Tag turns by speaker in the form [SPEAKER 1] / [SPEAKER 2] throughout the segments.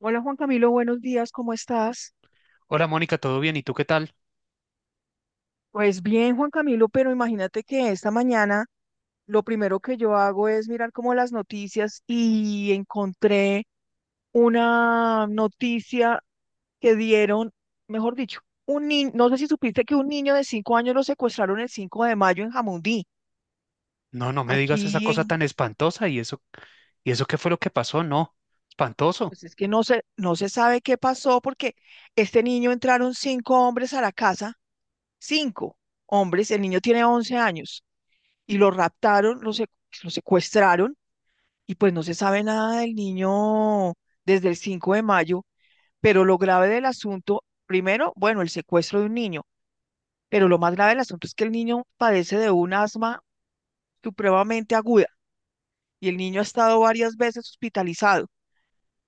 [SPEAKER 1] Hola Juan Camilo, buenos días, ¿cómo estás?
[SPEAKER 2] Hola Mónica, ¿todo bien? ¿Y tú qué tal?
[SPEAKER 1] Pues bien, Juan Camilo, pero imagínate que esta mañana lo primero que yo hago es mirar como las noticias y encontré una noticia que dieron, mejor dicho, un niño, no sé si supiste que un niño de 5 años lo secuestraron el 5 de mayo en Jamundí,
[SPEAKER 2] No, no me digas esa
[SPEAKER 1] aquí
[SPEAKER 2] cosa
[SPEAKER 1] en,
[SPEAKER 2] tan espantosa ¿y eso qué fue lo que pasó? No, espantoso.
[SPEAKER 1] pues es que no se sabe qué pasó porque este niño entraron cinco hombres a la casa, cinco hombres, el niño tiene 11 años y lo raptaron, lo secuestraron y pues no se sabe nada del niño desde el 5 de mayo, pero lo grave del asunto, primero, bueno, el secuestro de un niño, pero lo más grave del asunto es que el niño padece de un asma supremamente aguda y el niño ha estado varias veces hospitalizado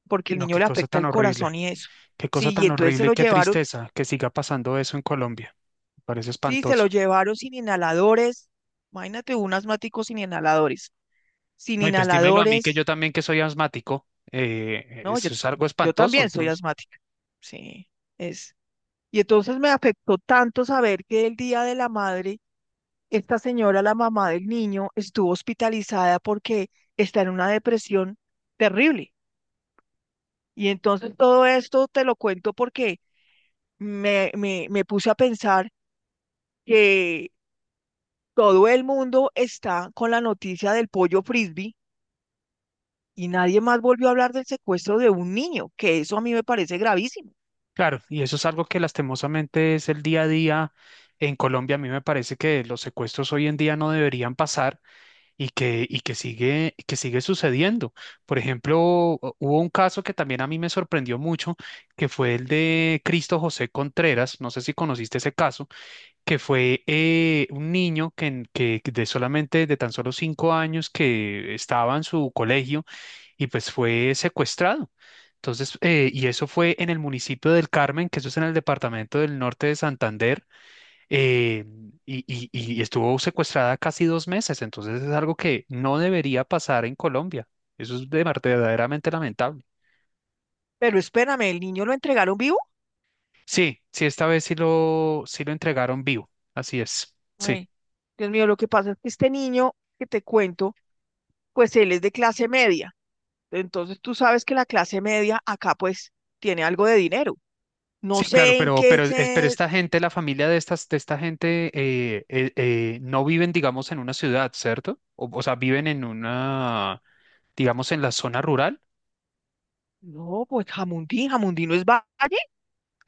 [SPEAKER 1] porque el
[SPEAKER 2] No,
[SPEAKER 1] niño
[SPEAKER 2] qué
[SPEAKER 1] le
[SPEAKER 2] cosa
[SPEAKER 1] afecta
[SPEAKER 2] tan
[SPEAKER 1] el
[SPEAKER 2] horrible.
[SPEAKER 1] corazón y eso.
[SPEAKER 2] Qué
[SPEAKER 1] Sí,
[SPEAKER 2] cosa
[SPEAKER 1] y
[SPEAKER 2] tan
[SPEAKER 1] entonces se
[SPEAKER 2] horrible y
[SPEAKER 1] lo
[SPEAKER 2] qué
[SPEAKER 1] llevaron,
[SPEAKER 2] tristeza que siga pasando eso en Colombia. Me parece
[SPEAKER 1] sí, se lo
[SPEAKER 2] espantoso.
[SPEAKER 1] llevaron sin inhaladores, imagínate un asmático sin inhaladores, sin
[SPEAKER 2] No, y pues dímelo a mí que
[SPEAKER 1] inhaladores.
[SPEAKER 2] yo también que soy asmático,
[SPEAKER 1] No, yo,
[SPEAKER 2] eso es algo
[SPEAKER 1] yo
[SPEAKER 2] espantoso,
[SPEAKER 1] también soy
[SPEAKER 2] entonces.
[SPEAKER 1] asmática. Sí, es. Y entonces me afectó tanto saber que el día de la madre, esta señora, la mamá del niño, estuvo hospitalizada porque está en una depresión terrible. Y entonces todo esto te lo cuento porque me puse a pensar que todo el mundo está con la noticia del pollo frisbee y nadie más volvió a hablar del secuestro de un niño, que eso a mí me parece gravísimo.
[SPEAKER 2] Claro, y eso es algo que lastimosamente es el día a día en Colombia. A mí me parece que los secuestros hoy en día no deberían pasar que sigue sucediendo. Por ejemplo, hubo un caso que también a mí me sorprendió mucho, que fue el de Cristo José Contreras, no sé si conociste ese caso, que fue un niño que, que de solamente, de tan solo 5 años, que estaba en su colegio y pues fue secuestrado. Entonces, y eso fue en el municipio del Carmen, que eso es en el departamento del norte de Santander eh, y, y estuvo secuestrada casi 2 meses, entonces es algo que no debería pasar en Colombia. Eso es verdaderamente lamentable.
[SPEAKER 1] Pero espérame, ¿el niño lo entregaron vivo?
[SPEAKER 2] Sí, sí, esta vez sí sí lo entregaron vivo, así es. Sí,
[SPEAKER 1] Ay, Dios mío, lo que pasa es que este niño que te cuento, pues él es de clase media. Entonces tú sabes que la clase media acá pues tiene algo de dinero. No
[SPEAKER 2] sí, claro,
[SPEAKER 1] sé en qué
[SPEAKER 2] pero, pero
[SPEAKER 1] se.
[SPEAKER 2] esta gente, la familia de estas, de esta gente, no viven, digamos, en una ciudad, ¿cierto? O sea, viven en una, digamos, en la zona rural.
[SPEAKER 1] No, pues Jamundí, Jamundí no es valle,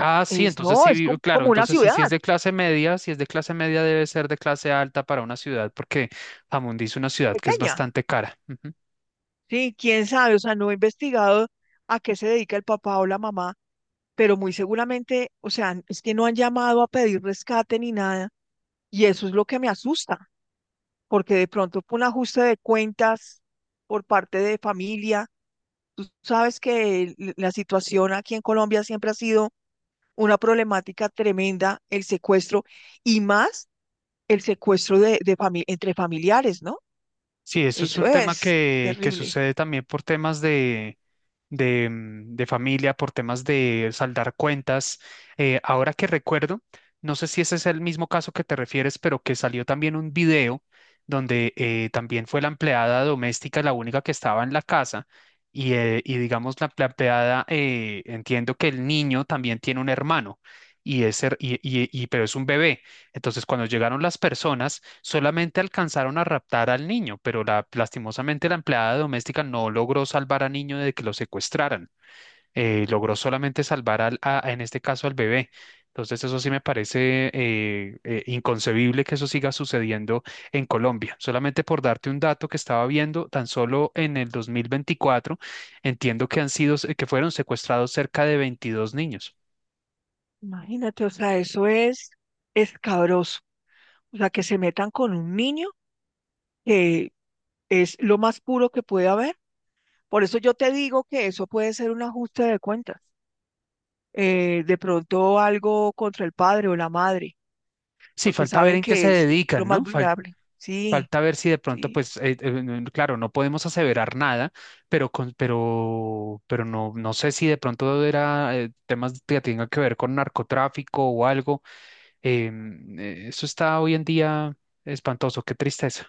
[SPEAKER 2] Ah, sí,
[SPEAKER 1] es
[SPEAKER 2] entonces
[SPEAKER 1] no,
[SPEAKER 2] sí, claro,
[SPEAKER 1] como una
[SPEAKER 2] entonces sí,
[SPEAKER 1] ciudad
[SPEAKER 2] si es de clase media, si es de clase media debe ser de clase alta para una ciudad, porque Jamundí es una ciudad que es
[SPEAKER 1] pequeña.
[SPEAKER 2] bastante cara.
[SPEAKER 1] Sí, quién sabe, o sea, no he investigado a qué se dedica el papá o la mamá, pero muy seguramente, o sea, es que no han llamado a pedir rescate ni nada, y eso es lo que me asusta, porque de pronto un ajuste de cuentas por parte de familia. Tú sabes que la situación aquí en Colombia siempre ha sido una problemática tremenda, el secuestro y más el secuestro entre familiares, ¿no?
[SPEAKER 2] Sí, eso es
[SPEAKER 1] Eso
[SPEAKER 2] un tema
[SPEAKER 1] es
[SPEAKER 2] que
[SPEAKER 1] terrible.
[SPEAKER 2] sucede también por temas de, de familia, por temas de saldar cuentas. Ahora que recuerdo, no sé si ese es el mismo caso que te refieres, pero que salió también un video donde también fue la empleada doméstica la única que estaba en la casa. Y digamos, la empleada, entiendo que el niño también tiene un hermano, y, ese, y, pero es un bebé. Entonces, cuando llegaron las personas, solamente alcanzaron a raptar al niño, pero lastimosamente la empleada doméstica no logró salvar al niño de que lo secuestraran. Logró solamente salvar al, en este caso al bebé. Entonces, eso sí me parece inconcebible que eso siga sucediendo en Colombia. Solamente por darte un dato que estaba viendo, tan solo en el 2024, entiendo que han sido, que fueron secuestrados cerca de 22 niños.
[SPEAKER 1] Imagínate, o sea, eso es escabroso. O sea, que se metan con un niño que es lo más puro que puede haber. Por eso yo te digo que eso puede ser un ajuste de cuentas, de pronto algo contra el padre o la madre,
[SPEAKER 2] Sí,
[SPEAKER 1] porque
[SPEAKER 2] falta ver
[SPEAKER 1] saben
[SPEAKER 2] en qué se
[SPEAKER 1] que es lo
[SPEAKER 2] dedican,
[SPEAKER 1] más
[SPEAKER 2] ¿no?
[SPEAKER 1] vulnerable. Sí,
[SPEAKER 2] Falta ver si de pronto,
[SPEAKER 1] sí.
[SPEAKER 2] pues, claro, no podemos aseverar nada, pero no, no sé si de pronto era temas que tengan que ver con narcotráfico o algo. Eso está hoy en día espantoso, qué tristeza.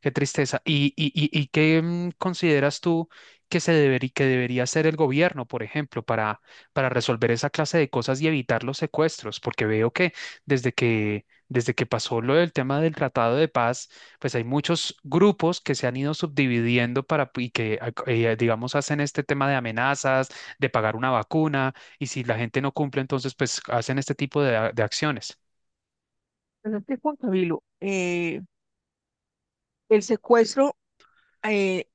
[SPEAKER 2] Qué tristeza. Y qué consideras tú que se debería, que debería hacer el gobierno, por ejemplo, para resolver esa clase de cosas y evitar los secuestros? Porque veo que desde que, desde que pasó lo del tema del Tratado de Paz, pues hay muchos grupos que se han ido subdividiendo para, y que, digamos, hacen este tema de amenazas, de pagar una vacuna, y si la gente no cumple, entonces, pues hacen este tipo de, de acciones.
[SPEAKER 1] Pero es que Juan Camilo, el secuestro, eh,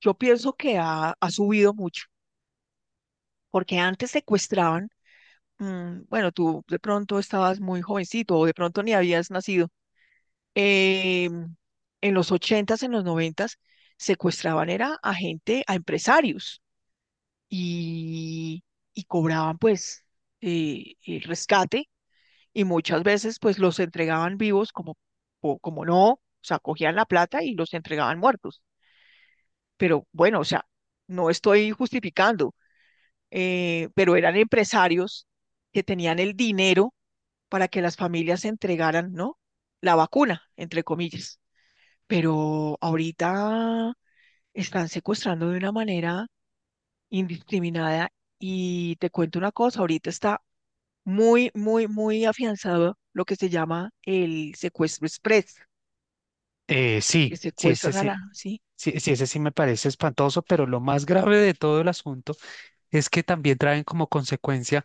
[SPEAKER 1] yo pienso que ha subido mucho, porque antes secuestraban, bueno, tú de pronto estabas muy jovencito o de pronto ni habías nacido. eh, en los 80s, en los 90s, secuestraban era a gente, a empresarios. y, y cobraban pues el rescate, y muchas veces pues los entregaban vivos como, o como no, o sea, cogían la plata y los entregaban muertos. Pero bueno, o sea, no estoy justificando, pero eran empresarios que tenían el dinero para que las familias entregaran, ¿no? La vacuna, entre comillas. Pero ahorita están secuestrando de una manera indiscriminada y te cuento una cosa, ahorita está muy, muy, muy afianzado lo que se llama el secuestro express, que
[SPEAKER 2] Sí, sí, sí,
[SPEAKER 1] secuestran a la, ¿sí?
[SPEAKER 2] sí, sí, ese sí me parece espantoso, pero lo más grave de todo el asunto es que también traen como consecuencia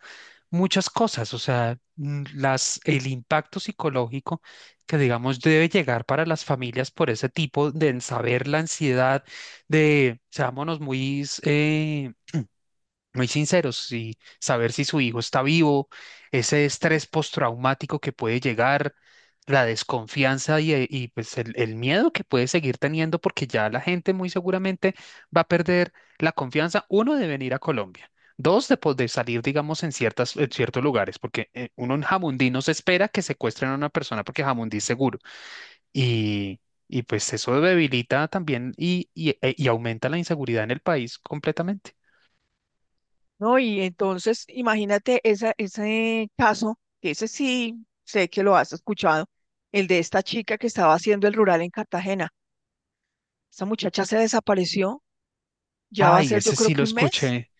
[SPEAKER 2] muchas cosas, o sea, el impacto psicológico que digamos debe llegar para las familias por ese tipo de en saber la ansiedad de, seámonos muy muy sinceros y saber si su hijo está vivo, ese estrés postraumático que puede llegar, la desconfianza y, pues el miedo que puede seguir teniendo porque ya la gente muy seguramente va a perder la confianza, uno, de venir a Colombia. Dos, de, de salir, digamos, en ciertas, en ciertos lugares, porque uno en Jamundí no se espera que secuestren a una persona porque Jamundí es seguro. Y, y pues eso debilita también y, y aumenta la inseguridad en el país completamente.
[SPEAKER 1] ¿No? Y entonces, imagínate ese caso, que ese sí sé que lo has escuchado, el de esta chica que estaba haciendo el rural en Cartagena. Esa muchacha se desapareció, ya va a
[SPEAKER 2] Ay,
[SPEAKER 1] ser yo
[SPEAKER 2] ese
[SPEAKER 1] creo
[SPEAKER 2] sí lo
[SPEAKER 1] que un mes,
[SPEAKER 2] escuché,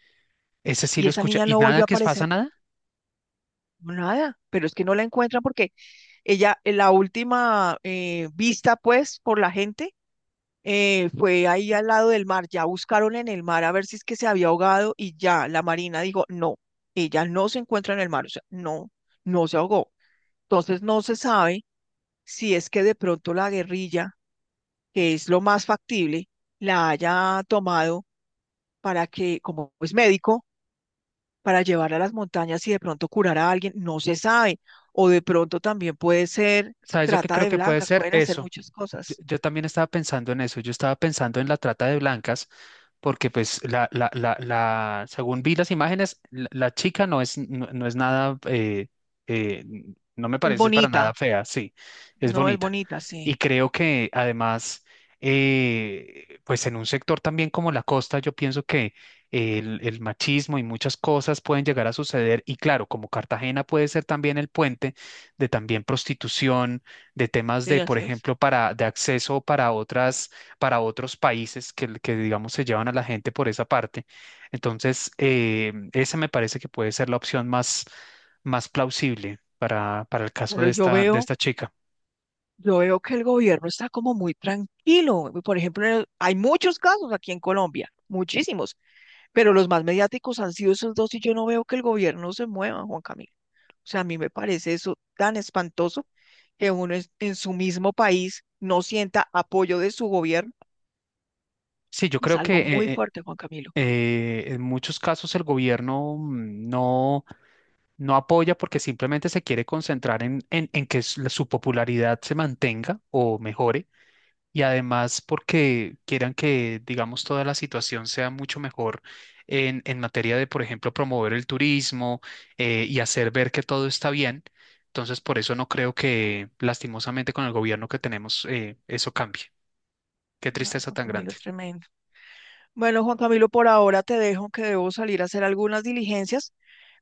[SPEAKER 2] ese sí
[SPEAKER 1] y
[SPEAKER 2] lo
[SPEAKER 1] esa
[SPEAKER 2] escuché.
[SPEAKER 1] niña
[SPEAKER 2] ¿Y
[SPEAKER 1] no volvió
[SPEAKER 2] nada
[SPEAKER 1] a
[SPEAKER 2] que pasa
[SPEAKER 1] aparecer.
[SPEAKER 2] nada?
[SPEAKER 1] No, nada, pero es que no la encuentran porque ella, en la última vista, pues, por la gente, fue ahí al lado del mar, ya buscaron en el mar a ver si es que se había ahogado y ya la marina dijo, no, ella no se encuentra en el mar, o sea, no, no se ahogó. Entonces no se sabe si es que de pronto la guerrilla, que es lo más factible, la haya tomado para que, como es médico, para llevar a las montañas y de pronto curar a alguien, no se sabe. O de pronto también puede ser
[SPEAKER 2] ¿Sabes? Yo que
[SPEAKER 1] trata
[SPEAKER 2] creo
[SPEAKER 1] de
[SPEAKER 2] que puede
[SPEAKER 1] blancas,
[SPEAKER 2] ser
[SPEAKER 1] pueden hacer
[SPEAKER 2] eso.
[SPEAKER 1] muchas
[SPEAKER 2] Yo,
[SPEAKER 1] cosas.
[SPEAKER 2] yo también estaba pensando en eso, yo estaba pensando en la trata de blancas, porque pues la, según vi las imágenes, la chica no es, no, no es nada, no me
[SPEAKER 1] Es
[SPEAKER 2] parece para nada
[SPEAKER 1] bonita,
[SPEAKER 2] fea, sí, es
[SPEAKER 1] no es
[SPEAKER 2] bonita.
[SPEAKER 1] bonita,
[SPEAKER 2] Y
[SPEAKER 1] sí,
[SPEAKER 2] creo que además, pues en un sector también como la costa, yo pienso que el machismo y muchas cosas pueden llegar a suceder. Y claro, como Cartagena puede ser también el puente de también prostitución de temas
[SPEAKER 1] sí,
[SPEAKER 2] de, por
[SPEAKER 1] así es.
[SPEAKER 2] ejemplo, para, de acceso para otras, para otros países que, digamos, se llevan a la gente por esa parte. Entonces, esa me parece que puede ser la opción más, más plausible para el caso
[SPEAKER 1] Pero yo
[SPEAKER 2] de
[SPEAKER 1] veo,
[SPEAKER 2] esta chica.
[SPEAKER 1] yo veo que el gobierno está como muy tranquilo. Por ejemplo, hay muchos casos aquí en Colombia, muchísimos, pero los más mediáticos han sido esos dos y yo no veo que el gobierno se mueva, Juan Camilo. O sea, a mí me parece eso tan espantoso que uno en su mismo país no sienta apoyo de su gobierno.
[SPEAKER 2] Sí, yo
[SPEAKER 1] Es
[SPEAKER 2] creo que
[SPEAKER 1] algo muy fuerte, Juan Camilo.
[SPEAKER 2] en muchos casos el gobierno no, no apoya porque simplemente se quiere concentrar en que su su popularidad se mantenga o mejore. Y además porque quieran que, digamos, toda la situación sea mucho mejor en materia de, por ejemplo, promover el turismo y hacer ver que todo está bien. Entonces, por eso no creo que lastimosamente con el gobierno que tenemos eso cambie. Qué
[SPEAKER 1] Ay,
[SPEAKER 2] tristeza
[SPEAKER 1] Juan
[SPEAKER 2] tan
[SPEAKER 1] Camilo,
[SPEAKER 2] grande.
[SPEAKER 1] es tremendo. Bueno, Juan Camilo, por ahora te dejo que debo salir a hacer algunas diligencias,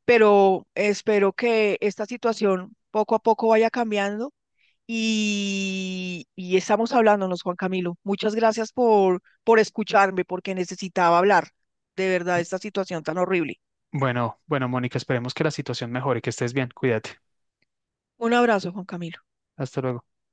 [SPEAKER 1] pero espero que esta situación poco a poco vaya cambiando, y estamos hablándonos, Juan Camilo. Muchas gracias por escucharme, porque necesitaba hablar de verdad de esta situación tan horrible.
[SPEAKER 2] Bueno, bueno, Mónica, esperemos que la situación mejore, que estés bien, cuídate.
[SPEAKER 1] Un abrazo, Juan Camilo.
[SPEAKER 2] Hasta luego.